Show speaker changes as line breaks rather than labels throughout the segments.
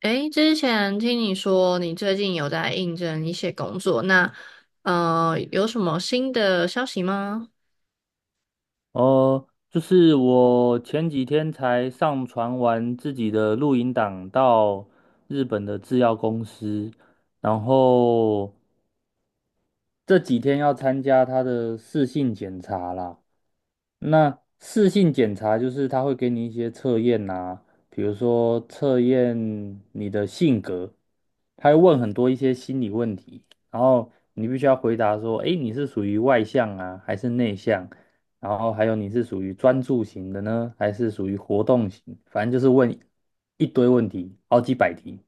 诶，之前听你说你最近有在应征一些工作，那有什么新的消息吗？
哦，就是我前几天才上传完自己的录音档到日本的制药公司，然后这几天要参加他的试性检查啦。那视性检查就是他会给你一些测验啊，比如说测验你的性格，他会问很多一些心理问题，然后你必须要回答说，诶，你是属于外向啊，还是内向？然后还有你是属于专注型的呢，还是属于活动型？反正就是问一堆问题，好几百题，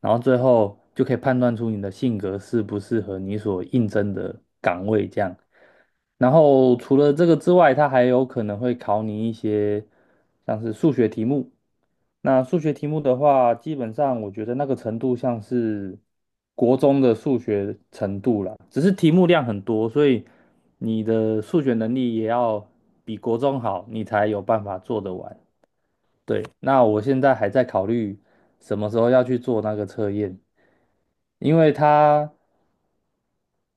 然后最后就可以判断出你的性格适不适合你所应征的岗位这样。然后除了这个之外，它还有可能会考你一些像是数学题目。那数学题目的话，基本上我觉得那个程度像是国中的数学程度了，只是题目量很多，所以你的数学能力也要比国中好，你才有办法做得完。对，那我现在还在考虑什么时候要去做那个测验，因为它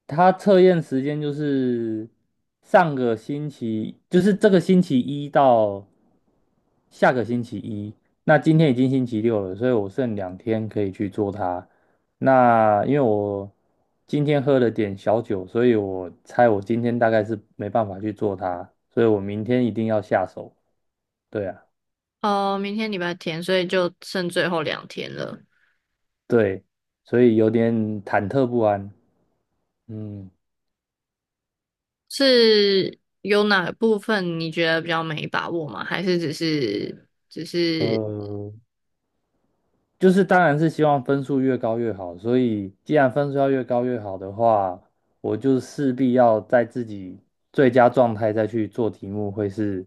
他测验时间就是上个星期，就是这个星期一到下个星期一。那今天已经星期六了，所以我剩两天可以去做它。那因为我今天喝了点小酒，所以我猜我今天大概是没办法去做它，所以我明天一定要下手。对啊，
哦，明天礼拜天，所以就剩最后两天了。
对，所以有点忐忑不安。嗯，
是有哪部分你觉得比较没把握吗？还是只是
呃。就是当然是希望分数越高越好，所以既然分数要越高越好的话，我就势必要在自己最佳状态再去做题目，会是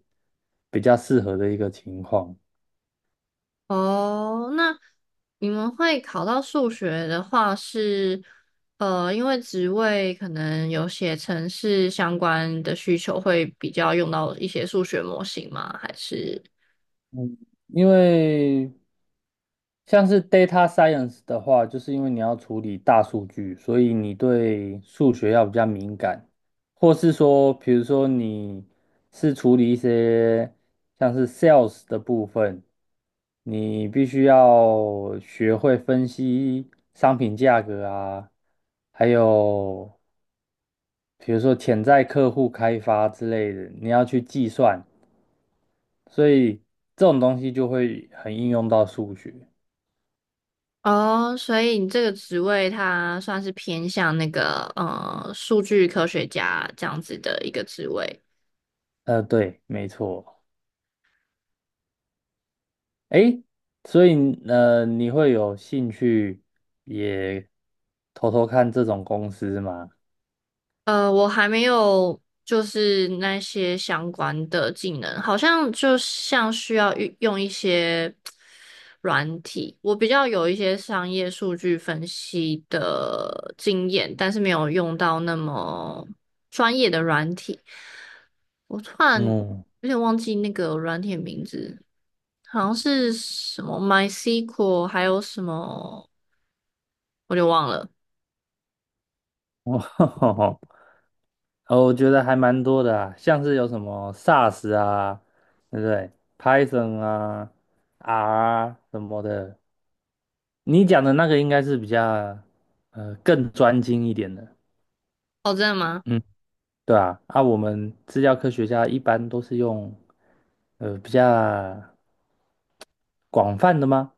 比较适合的一个情况。
哦，那你们会考到数学的话是，因为职位可能有写程式相关的需求，会比较用到一些数学模型吗？还是
嗯，因为像是 data science 的话，就是因为你要处理大数据，所以你对数学要比较敏感，或是说，比如说你是处理一些像是 sales 的部分，你必须要学会分析商品价格啊，还有比如说潜在客户开发之类的，你要去计算，所以这种东西就会很应用到数学。
哦，所以你这个职位它算是偏向那个数据科学家这样子的一个职位。
对，没错。诶，所以你会有兴趣也偷偷看这种公司吗？
我还没有就是那些相关的技能，好像就像需要运用一些。软体，我比较有一些商业数据分析的经验，但是没有用到那么专业的软体。我突然
嗯，
有点忘记那个软体的名字，好像是什么 MySQL，还有什么，我就忘了。
哦，我觉得还蛮多的啊，像是有什么 SAS 啊，对不对？Python 啊，R 啊什么的。你讲的那个应该是比较更专精一点的。
哦，真的吗？
嗯。对啊，啊，我们资料科学家一般都是用比较广泛的吗？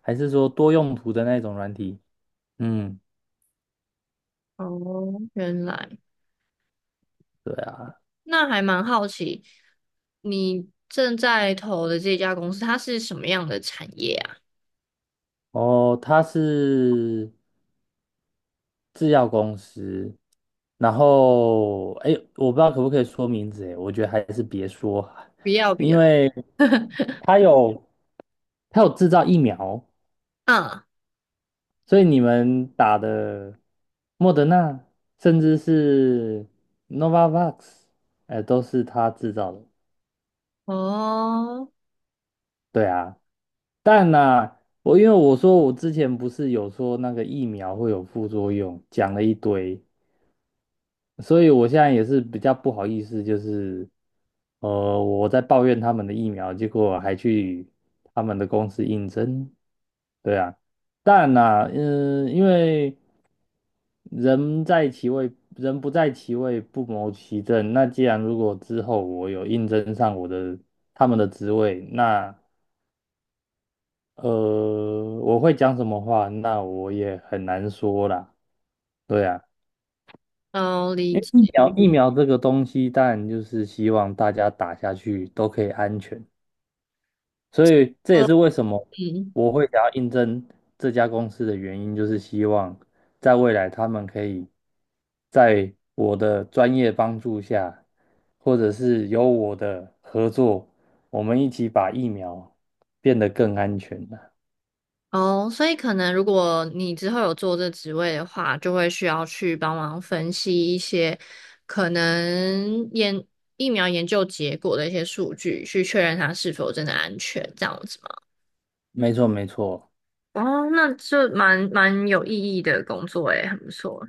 还是说多用途的那种软体？嗯，
哦，原来
对啊。
那还蛮好奇，你正在投的这家公司，它是什么样的产业啊？
哦，它是制药公司，然后哎，我不知道可不可以说名字，哎，我觉得还是别说啊，
不要不
因
要。
为它有它有制造疫苗，
嗯，
所以你们打的莫德纳，甚至是 Novavax,哎、都是他制造的。
哦，
对啊，但呐、因为我说我之前不是有说那个疫苗会有副作用，讲了一堆，所以我现在也是比较不好意思，就是我在抱怨他们的疫苗，结果还去他们的公司应征。对啊。但呐、嗯，因为人在其位，人不在其位，不谋其政。那既然如果之后我有应征上他们的职位，那呃，我会讲什么话，那我也很难说啦。对啊，
哦，理
因为
解。
疫苗疫苗这个东西，当然就是希望大家打下去都可以安全。所以这也是为什么
嗯，
我会想要应征这家公司的原因，就是希望在未来他们可以在我的专业帮助下，或者是有我的合作，我们一起把疫苗变得更安全了。
哦，所以可能如果你之后有做这职位的话，就会需要去帮忙分析一些可能研疫苗研究结果的一些数据，去确认它是否真的安全，这样子吗？
没错，没错，
哦，那这蛮蛮有意义的工作诶，很不错。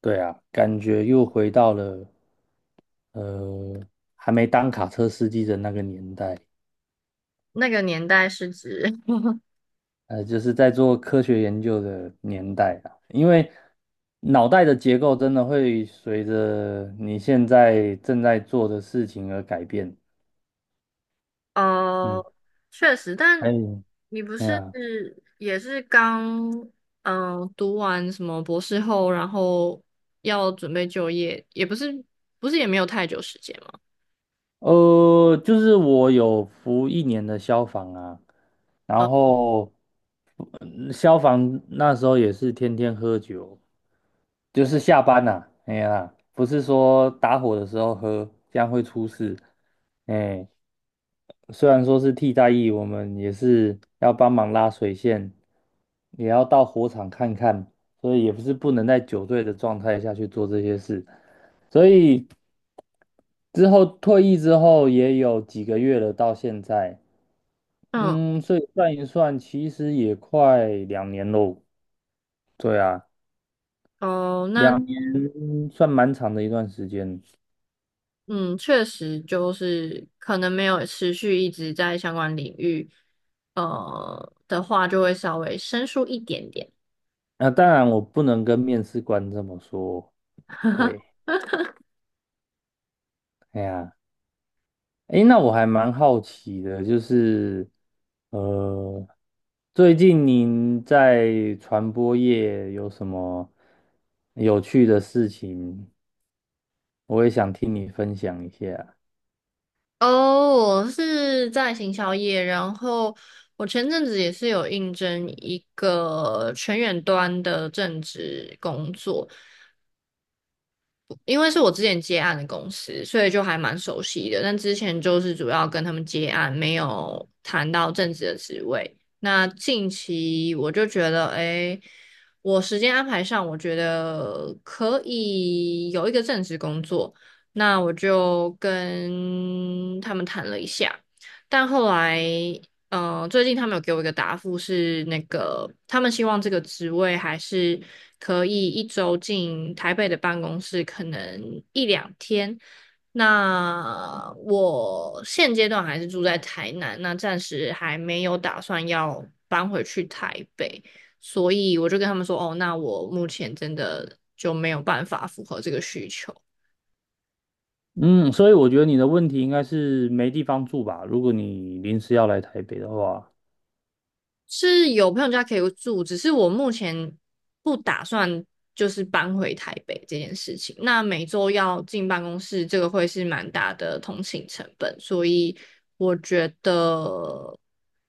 对啊，感觉又回到了呃还没当卡车司机的那个年代。
那个年代是指
就是在做科学研究的年代啊，因为脑袋的结构真的会随着你现在正在做的事情而改变。嗯，
哦，确实，但
哎，
你不
哎
是
呀，
也是刚读完什么博士后，然后要准备就业，也不是也没有太久时间嘛。
就是我有服一年的消防啊，然
呃，
后消防那时候也是天天喝酒，就是下班呐、啊哎呀，不是说打火的时候喝，这样会出事。哎，虽然说是替代役，我们也是要帮忙拉水线，也要到火场看看，所以也不是不能在酒醉的状态下去做这些事。所以之后退役之后也有几个月了，到现在，
嗯，
嗯，所以算一算，其实也快两年喽。对啊，
哦，那
两年算蛮长的一段时间。
嗯，确实就是可能没有持续一直在相关领域，的话，就会稍微生疏一点点。
啊，当然我不能跟面试官这么说，对，哎呀。诶，那我还蛮好奇的，就是呃，最近您在传播业有什么有趣的事情？我也想听你分享一下。
哦，我是在行销业，然后我前阵子也是有应征一个全远端的正职工作，因为是我之前接案的公司，所以就还蛮熟悉的。但之前就是主要跟他们接案，没有谈到正职的职位。那近期我就觉得，哎，我时间安排上，我觉得可以有一个正职工作。那我就跟他们谈了一下，但后来最近他们有给我一个答复是，那个他们希望这个职位还是可以一周进台北的办公室，可能一两天。那我现阶段还是住在台南，那暂时还没有打算要搬回去台北，所以我就跟他们说，哦，那我目前真的就没有办法符合这个需求。
嗯，所以我觉得你的问题应该是没地方住吧？如果你临时要来台北的话，
是有朋友家可以住，只是我目前不打算就是搬回台北这件事情。那每周要进办公室，这个会是蛮大的通勤成本，所以我觉得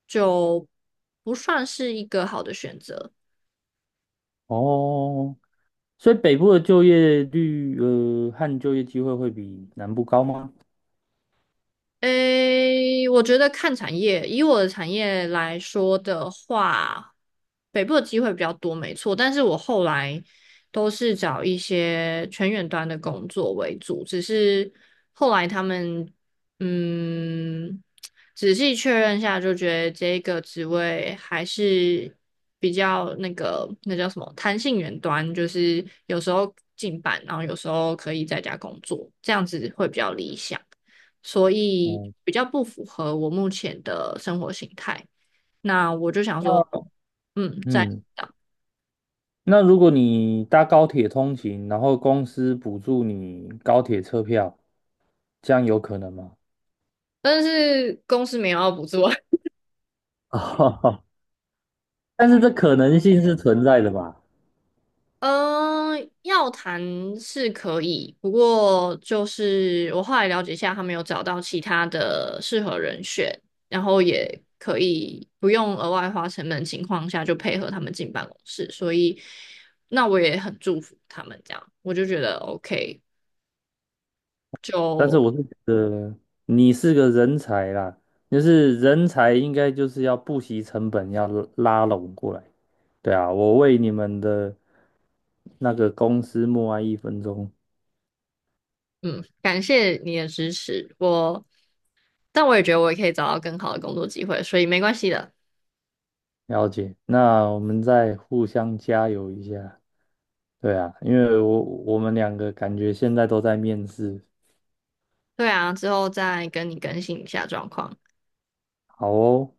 就不算是一个好的选择。
哦，所以北部的就业率和就业机会会比南部高吗？
诶，我觉得看产业，以我的产业来说的话，北部的机会比较多，没错。但是我后来都是找一些全远端的工作为主，只是后来他们嗯，仔细确认下，就觉得这个职位还是比较那个那叫什么弹性远端，就是有时候进班，然后有时候可以在家工作，这样子会比较理想。所以
哦，
比较不符合我目前的生活形态。那我就想说，
那
嗯，在，
嗯。那如果你搭高铁通勤，然后公司补助你高铁车票，这样有可能吗？
但是公司没有要补助啊。
哦，但是这可能性是存在的吧？
呃，要谈是可以，不过就是我后来了解一下，他们有找到其他的适合人选，然后也可以不用额外花成本的情况下就配合他们进办公室，所以那我也很祝福他们这样，我就觉得 OK,
但是
就。
我是觉得你是个人才啦，就是人才应该就是要不惜成本要拉拢过来。对啊，我为你们的那个公司默哀一分钟，
嗯，感谢你的支持，我，但我也觉得我也可以找到更好的工作机会，所以没关系的。
了解。那我们再互相加油一下。对啊，因为我们两个感觉现在都在面试，
对啊，之后再跟你更新一下状况。
好哦，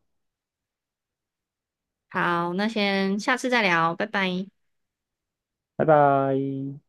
好，那先下次再聊，拜拜。
拜拜。